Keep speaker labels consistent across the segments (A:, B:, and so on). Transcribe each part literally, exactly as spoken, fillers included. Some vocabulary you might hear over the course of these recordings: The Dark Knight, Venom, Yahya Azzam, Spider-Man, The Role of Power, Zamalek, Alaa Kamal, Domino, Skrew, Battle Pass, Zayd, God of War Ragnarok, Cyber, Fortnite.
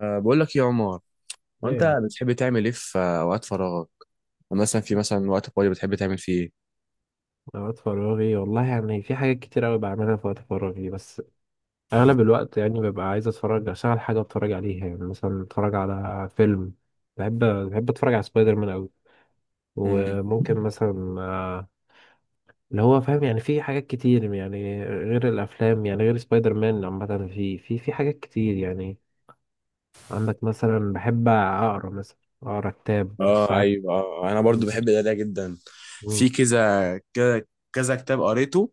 A: أه بقول لك يا عمر، هو انت
B: ايه
A: بتحب تعمل ايه في آه، اوقات فراغك؟ مثلا في مثلا وقت فاضي بتحب تعمل فيه ايه؟
B: اوقات فراغي، والله يعني في حاجات كتير قوي بعملها في وقت فراغي. بس اغلب الوقت يعني ببقى عايز اتفرج، اشغل حاجه اتفرج عليها، يعني مثلا اتفرج على فيلم. بحب بحب اتفرج على سبايدر مان قوي.
A: امم.
B: وممكن مثلا آه، اللي هو فاهم. يعني في حاجات كتير يعني غير الافلام، يعني غير سبايدر مان عامه، في في في حاجات كتير يعني. عندك مثلا بحب اقرا، مثلا اقرا كتاب
A: اه
B: ساعات.
A: ايوه آه. انا
B: م-
A: برضو بحب القرايه جدا.
B: م-
A: في كذا كذا كذا كتاب قريته.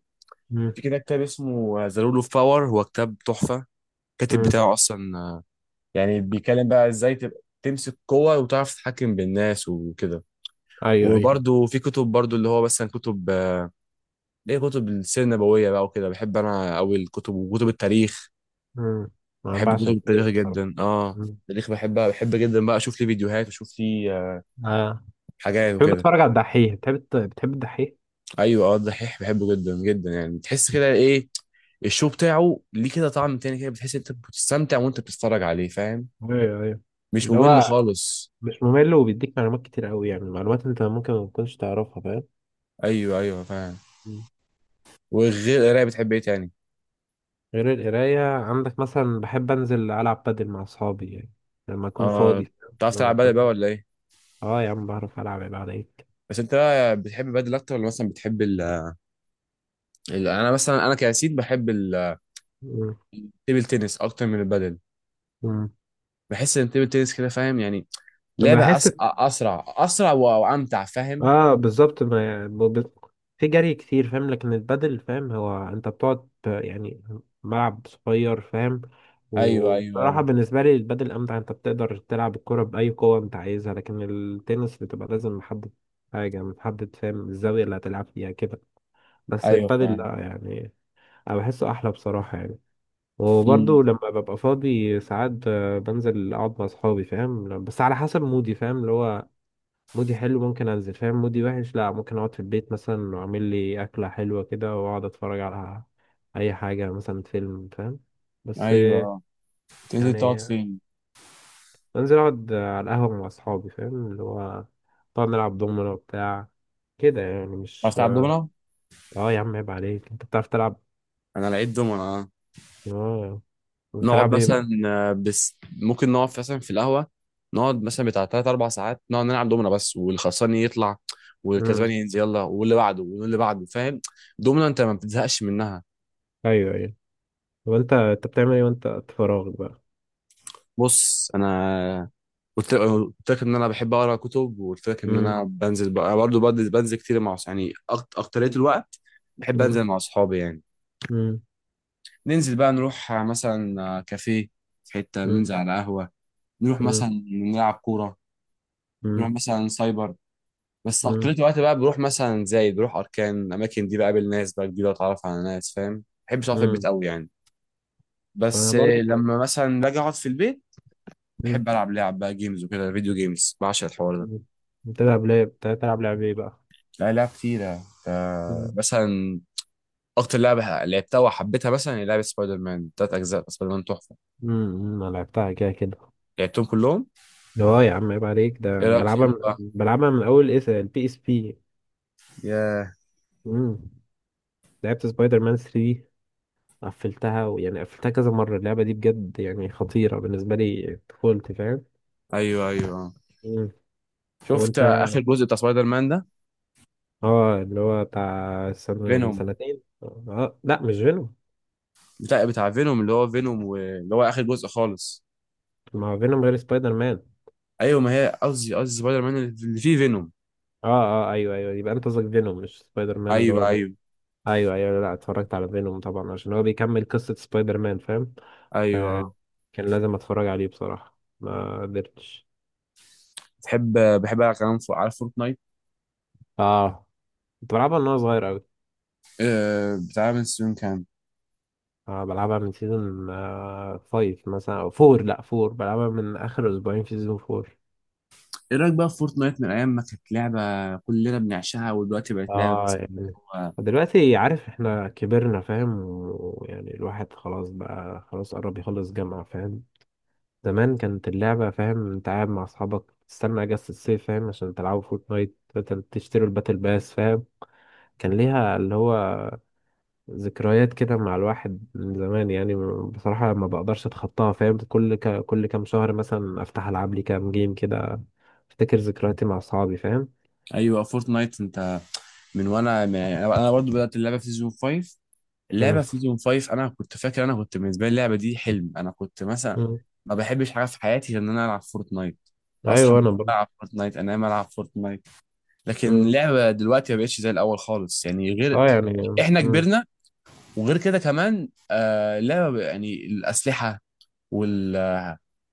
B: م-
A: في كده كتاب اسمه ذا رول اوف باور، هو كتاب تحفه. الكاتب
B: م-
A: بتاعه اصلا آه، يعني بيتكلم بقى ازاي تبقى تمسك قوه وتعرف تتحكم بالناس وكده.
B: ايوه ايوه.
A: وبرضو في كتب برضو اللي هو مثلا كتب آه، ليه، كتب السيره النبويه بقى وكده. بحب انا قوي الكتب وكتب التاريخ.
B: مم. انا
A: بحب
B: بعشق
A: كتب التاريخ
B: التاريخ بصراحه.
A: جدا، اه التاريخ بحبها، بحب جدا بقى اشوف ليه فيديوهات واشوف ليه آه،
B: اه،
A: حاجات
B: بتحب
A: وكده.
B: تتفرج على الدحيح؟ بتحب الت- بتحب الدحيح؟
A: ايوه، اه الدحيح بحبه جدا جدا. يعني تحس كده ايه، الشو بتاعه ليه كده طعم تاني، كده بتحس انت بتستمتع وانت بتتفرج عليه، فاهم؟
B: ايوه ايوه،
A: مش
B: اللي
A: ممل
B: هو
A: خالص.
B: مش ممل وبيديك معلومات كتير قوي، يعني معلومات انت ممكن ما تكونش تعرفها فاهم.
A: ايوه ايوه فاهم.
B: مم.
A: وغير القرايه بتحب ايه تاني؟
B: غير القراية، عندك مثلا بحب انزل العب بادل مع اصحابي يعني لما اكون
A: اه.
B: فاضي.
A: بتعرف
B: لما
A: تلعب بدل بقى
B: اكون
A: ولا ايه؟
B: اه يا عم بعرف العب، يبقى عليك.
A: بس انت بقى بتحب بدل اكتر ولا مثلا بتحب ال ال- انا مثلا، انا كياسين بحب التيبل
B: مم.
A: تنس اكتر من البدل.
B: مم.
A: بحس ان التيبل تنس كده فاهم يعني، لعبة
B: بحس
A: أس... أسرع، أسرع و- وأمتع فاهم.
B: اه بالظبط، ما يعني ب- ب- في جري كتير فاهم. لكن البادل فاهم، هو انت بتقعد ت- يعني ملعب صغير فاهم.
A: أيوه أيوه
B: وبصراحة
A: أه.
B: بالنسبة لي البادل أمتع، أنت بتقدر تلعب الكرة بأي قوة أنت عايزها. لكن التنس بتبقى لازم محدد حاجة محدد، فاهم، الزاوية اللي هتلعب فيها كده. بس
A: أيوه
B: البادل لأ
A: فاهم.
B: يعني، أنا بحسه أحلى بصراحة يعني.
A: أمم.
B: وبرضه لما ببقى فاضي ساعات آه، بنزل أقعد مع أصحابي فاهم، بس على حسب مودي فاهم، اللي هو مودي حلو ممكن انزل فاهم، مودي وحش لا، ممكن اقعد في البيت مثلا واعمل لي اكله حلوه كده واقعد اتفرج على اي حاجه، مثلا فيلم فاهم. بس
A: أيوه
B: آه،
A: أه. تنزل تقعد
B: يعني
A: فين؟
B: انزل اقعد على القهوه مع اصحابي فاهم، اللي هو نقعد نلعب دومينو بتاع كده يعني،
A: عايز
B: مش
A: تلعب دومنا؟
B: اه يا عم عيب عليك، انت بتعرف تلعب.
A: انا لقيت دومنة، اه.
B: اه، بتلعب
A: نقعد
B: ايه بقى؟
A: مثلا آه، بس ممكن نقعد مثلا في القهوه، نقعد مثلا بتاع تلات اربع ساعات نقعد نلعب دومنة بس. والخسران يطلع والكسبان
B: امم
A: ينزل، يلا واللي بعده واللي بعده فاهم. دومنة انت ما بتزهقش منها.
B: ايوه ايوه. طب انت انت بتعمل ايه وانت في فراغك بقى؟
A: بص انا، قلت قلت لك ان انا بحب اقرا كتب، وقلت لك ان
B: امم.
A: انا بنزل بقى برضه، بنزل بنزل كتير مع أص- يعني أكت- اكترية الوقت بحب
B: امم.
A: انزل مع اصحابي يعني.
B: امم.
A: ننزل بقى نروح آه، مثلا آه، كافيه، في حتة
B: امم.
A: ننزل على قهوة، نروح مثلا نلعب كورة، نروح
B: امم.
A: مثلا سايبر. بس اكترية الوقت بقى بروح مثلا زايد، بروح اركان، الاماكن دي بقابل ناس بقى جديدة، اتعرف على ناس فاهم. ما بحبش اقعد في البيت
B: امم.
A: قوي يعني.
B: انا
A: بس آه،
B: بقول لك.
A: لما مثلا باجي اقعد في البيت، بحب العب لعب بقى جيمز وكده، فيديو جيمز بعشق الحوار ده.
B: مم. بتلعب لعب بتلعب لعب ايه بقى؟
A: لا لعب كتيرة. آه،
B: مم.
A: مثلا أكتر لعبة لعبتها وحبيتها مثلا هي لعبة سبايدر مان تلات أجزاء. سبايدر مان تحفة،
B: مم. انا لعبتها كده كده.
A: لعبتهم كلهم.
B: اه يا عم عيب عليك،
A: إيه
B: ده
A: رأيك
B: بلعبها من...
A: فيهم بقى؟
B: بلعبها من اول اس البي اس بي.
A: ياه.
B: مم. لعبت سبايدر مان ثلاثة، قفلتها، ويعني قفلتها كذا مرة. اللعبة دي بجد يعني خطيرة بالنسبة لي طفولتي فاهم.
A: أيوه أيوه آه.
B: مم.
A: شفت
B: وانت
A: آخر جزء بتاع سبايدر مان ده؟
B: اه، اللي هو بتاع سنة من
A: فينوم،
B: سنتين. اه لا، مش فينوم.
A: بتاع بتاع فينوم اللي هو فينوم، واللي هو آخر جزء خالص.
B: ما هو فينوم غير سبايدر مان.
A: أيوه، ما هي قصدي، قصدي سبايدر مان اللي فيه فينوم.
B: اه. اه ايوه ايوه، يبقى انت قصدك فينوم، مش سبايدر مان اللي
A: أيوه
B: هو.
A: أيوه.
B: ايوه ايوه. لا، اتفرجت على فينوم طبعا عشان هو بيكمل قصة سبايدر مان فاهم،
A: أيوه
B: فكان لازم اتفرج عليه بصراحة، ما قدرتش.
A: بتحب، بحب ألعب كمان فوق على فورتنايت.
B: اه كنت بلعبها من وانا صغير قوي.
A: آه، بتاع من سنين كام؟
B: آه بلعبها من سيزون آه فايف مثلا، او فور، لا فور، بلعبها من اخر اسبوعين في سيزون فور.
A: ايه رايك بقى في فورتنايت من ايام ما كانت لعبه كلنا بنعشقها، ودلوقتي بقت لعبه
B: اه
A: بس؟
B: يعني
A: هو-
B: دلوقتي عارف احنا كبرنا فاهم، ويعني الواحد خلاص بقى خلاص قرب يخلص جامعة فاهم. زمان كانت اللعبة فاهم، انت قاعد مع اصحابك تستنى اجازة الصيف فاهم عشان تلعبوا فورتنايت مثلا، تشتروا الباتل باس فاهم. كان ليها اللي هو ذكريات كده مع الواحد من زمان يعني. بصراحة ما بقدرش اتخطاها فاهم. كل ك... كل كام شهر مثلا افتح العب لي كام جيم كده، افتكر ذكرياتي مع اصحابي فاهم.
A: ايوه فورتنايت، انت من، وانا من يعني انا برضو بدات اللعبه في سيزون خمسة.
B: مم.
A: اللعبه في سيزون خمس، انا كنت فاكر، انا كنت بالنسبه لي اللعبه دي حلم. انا كنت مثلا
B: مم.
A: ما بحبش حاجه في حياتي غير ان انا العب فورتنايت. اصحى من
B: ايوه
A: النوم
B: انا برضه.
A: العب فورتنايت، انام العب فورتنايت. لكن
B: مم.
A: اللعبه دلوقتي ما بقتش زي الاول خالص يعني، غير
B: اه يعني. مم.
A: احنا
B: مم.
A: كبرنا. وغير كده كمان آه، اللعبه بقى- يعني الاسلحه وال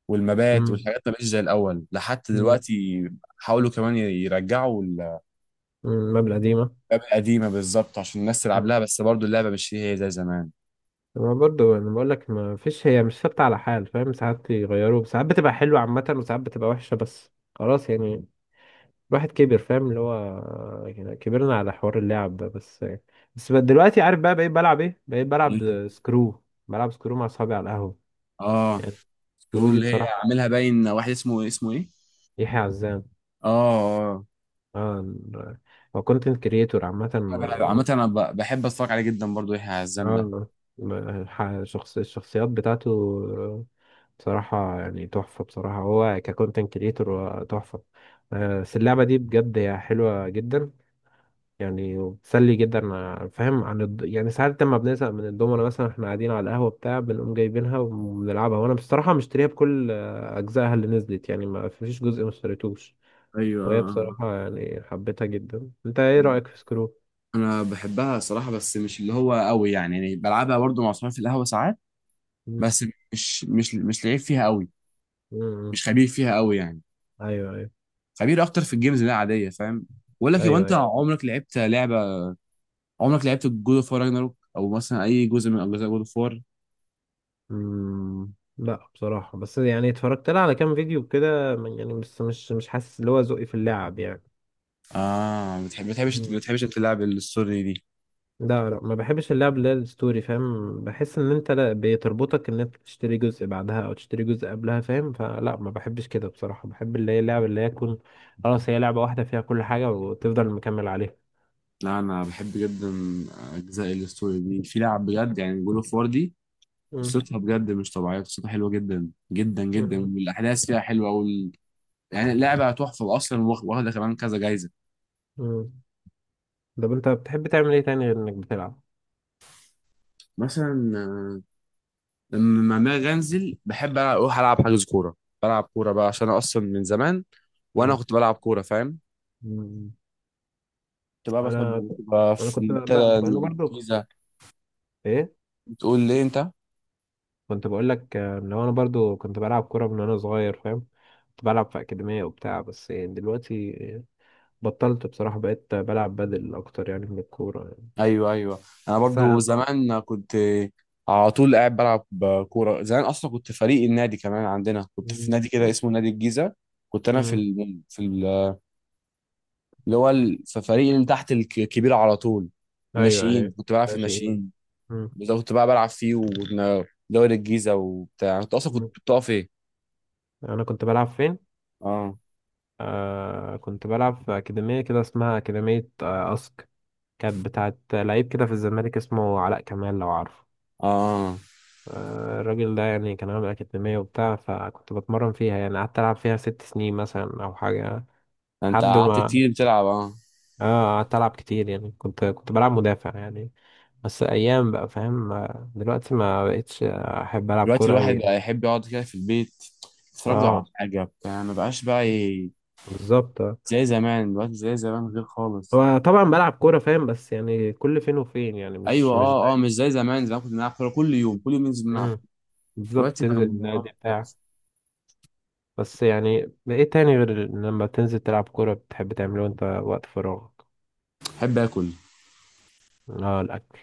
A: والمبات والحاجات ما بقتش زي الاول لحد
B: مم.
A: دلوقتي. حاولوا كمان يرجعوا اللعبه
B: مم. مبلغ قديمة.
A: القديمه بالظبط عشان الناس تلعب لها، بس برضو اللعبه مش هي هي زي زمان.
B: ما برضو انا بقول لك، ما فيش، هي مش ثابته على حال فاهم، ساعات يغيروا، ساعات بتبقى حلوه عامه وساعات بتبقى وحشه. بس خلاص يعني، الواحد كبر فاهم، اللي هو يعني كبرنا على حوار اللعب ده بس يعني. بس بقى دلوقتي عارف بقى بقيت بلعب ايه؟ بقيت
A: مم.
B: بلعب سكرو. بلعب سكرو مع اصحابي على القهوه
A: اه
B: يعني. سكرو
A: سكرول
B: دي
A: اللي هي
B: بصراحه
A: عاملها باين واحد اسمه إيه؟ اسمه ايه؟
B: يحيى عزام.
A: اه. اه
B: اه، هو كونتنت كريتور عامه.
A: انا بح- عامه انا ب- بحب اتفرج عليه جدا برضو، يحيى عزام ده.
B: اه، الح- شخص الشخصيات بتاعته بصراحة يعني تحفة. بصراحة هو ككونتنت كريتور هو تحفة. آه، بس اللعبة دي بجد هي حلوة جدا يعني، وبتسلي جدا آه، فاهم، عن الد... يعني ساعات لما بنزهق من الدومنة مثلا احنا قاعدين على القهوة بتاع بنقوم جايبينها وبنلعبها. وانا بصراحة مشتريها بكل آه، أجزائها اللي نزلت يعني، ما فيش جزء ما اشتريتوش.
A: ايوه
B: وهي
A: آه، آه.
B: بصراحة يعني حبيتها جدا. انت ايه رأيك في سكرو؟
A: انا بحبها صراحه، بس مش اللي هو قوي يعني، يعني بلعبها برضو مع صحابي في القهوه ساعات.
B: مم.
A: بس مش مش مش لعيب فيها قوي،
B: مم.
A: مش خبير فيها قوي يعني.
B: ايوه ايوه
A: خبير اكتر في الجيمز اللي هي عاديه فاهم. بقول لك، هو انت
B: ايوه.
A: عمرك لعبت لعبه، عمرك لعبت جود اوف وار راجناروك او مثلا اي جزء من اجزاء جود اوف وار؟
B: مم. لا بصراحة، بس يعني اتفرجت لها على كام فيديو كده من- يعني بس مش مش حاسس اللي هو ذوقي في اللعب يعني.
A: اه ما بتحب- ما بتحبش ما
B: مم.
A: بتحبش انت تلعب الستوري دي؟
B: لا لا، ما بحبش اللعب اللي هي الستوري فاهم، بحس ان انت لا بتربطك ان انت تشتري جزء بعدها او تشتري جزء قبلها فاهم، فلا ما بحبش كده بصراحة. بحب اللي هي اللعب اللي هي تكون خلاص هي لعبة واحدة فيها كل حاجة وتفضل مكمل عليها.
A: لا انا بحب جدا اجزاء الستوري دي. في لعب بجد يعني، جود اوف وار دي
B: مم.
A: قصتها بجد مش طبيعيه. قصتها حلوه جدا جدا جدا،
B: مم.
A: والاحداث فيها حلوه وال... يعني اللعبه تحفه اصلا، واخ- واخده كمان كذا جايزه.
B: مم. طب انت بتحب تعمل ايه تاني غير انك بتلعب؟
A: مثلا آه، لما ما انزل، بحب أنا اروح العب حجز كوره. بلعب كوره بقى عشان أنا اصلا من زمان وانا
B: مم.
A: كنت بلعب كوره فاهم.
B: مم.
A: كنت بقى مثلا
B: انا
A: بتبقى
B: انا
A: في
B: كنت بقى
A: منتدى
B: انا برضو.
A: الجيزة.
B: ايه،
A: بتقول لي انت؟
B: كنت بقول لك آه، لو انا برضو كنت بلعب كوره من وانا صغير فاهم. كنت بلعب في اكاديميه وبتاع، بس يعني دلوقتي آه، بطلت بصراحه، بقيت بلعب بدل اكتر يعني من الكوره يعني.
A: ايوه ايوه. انا
B: بس أنا
A: برضو
B: امتع.
A: زمان كنت على طول قاعد بلعب كوره. زمان اصلا كنت فريق النادي كمان عندنا، كنت في
B: مم.
A: نادي كده
B: مم.
A: اسمه نادي الجيزه. كنت انا في
B: مم.
A: ال... في ال... اللي هو ال... في فريق اللي تحت الك- الكبير على طول.
B: ايوه
A: الناشئين،
B: ايوه
A: كنت بلعب في
B: ماشي.
A: الناشئين.
B: مم.
A: ده كنت بقى بلعب فيه، ودوري الجيزه وبتاع. انت اصلا كنت
B: مم.
A: بتقف ايه؟
B: انا كنت بلعب فين.
A: اه
B: آه كنت بلعب في اكاديميه كده اسمها اكاديميه آه اسك. كانت بتاعت لعيب كده في الزمالك اسمه علاء كمال، لو عارف.
A: اه.
B: آه، الراجل ده يعني كان عامل أكاديمية وبتاع، فكنت بتمرن فيها يعني، قعدت ألعب فيها ست سنين مثلا أو حاجة.
A: انت
B: لحد
A: قعدت
B: ما،
A: كتير بتلعب، اه.
B: اه قعدت ألعب كتير يعني، كنت كنت بلعب مدافع يعني. بس أيام بقى فاهم. آه، دلوقتي ما بقتش أحب ألعب
A: دلوقتي
B: كورة أوي
A: الواحد
B: يعني.
A: بقى يحب يقعد كده في البيت، يتفرج على
B: اه،
A: حاجة بتاع، ما بقاش بقى ي-
B: بالظبط. آه.
A: زي زمان. دلوقتي زي زمان غير خالص.
B: هو طبعا بلعب كورة فاهم، بس يعني كل فين وفين يعني،
A: أيوة
B: مش مش
A: أه أه،
B: دايما.
A: مش زي زمان. زمان كنا بنلعب كورة كل يوم، كل يوم ننزل نلعب.
B: مم. بالظبط،
A: دلوقتي بقى
B: تنزل
A: الموضوع
B: النادي بتاع.
A: مختلف.
B: بس يعني إيه تاني غير لما تنزل تلعب كورة بتحب تعمله وأنت وقت فراغ؟
A: أحب آكل.
B: لا، الأكل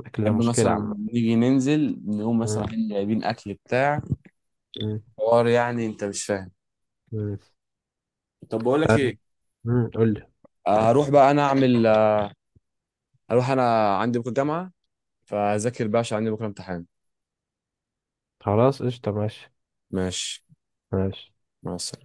B: الأكل ده
A: أحب
B: مشكلة
A: مثلا
B: عامة.
A: نيجي ننزل نقوم مثلا
B: مم،
A: رايحين جايبين أكل بتاع،
B: مم،
A: حوار يعني أنت مش فاهم.
B: مم،
A: طب بقول لك إيه،
B: مم، قول لي.
A: آه، هروح بقى أنا أعمل آه، هروح، أنا عندي بكرة جامعة، فأذاكر بقى عشان عندي بكرة امتحان.
B: خلاص قشطة ماشي.
A: ماشي.
B: ماشي.
A: مع السلامة.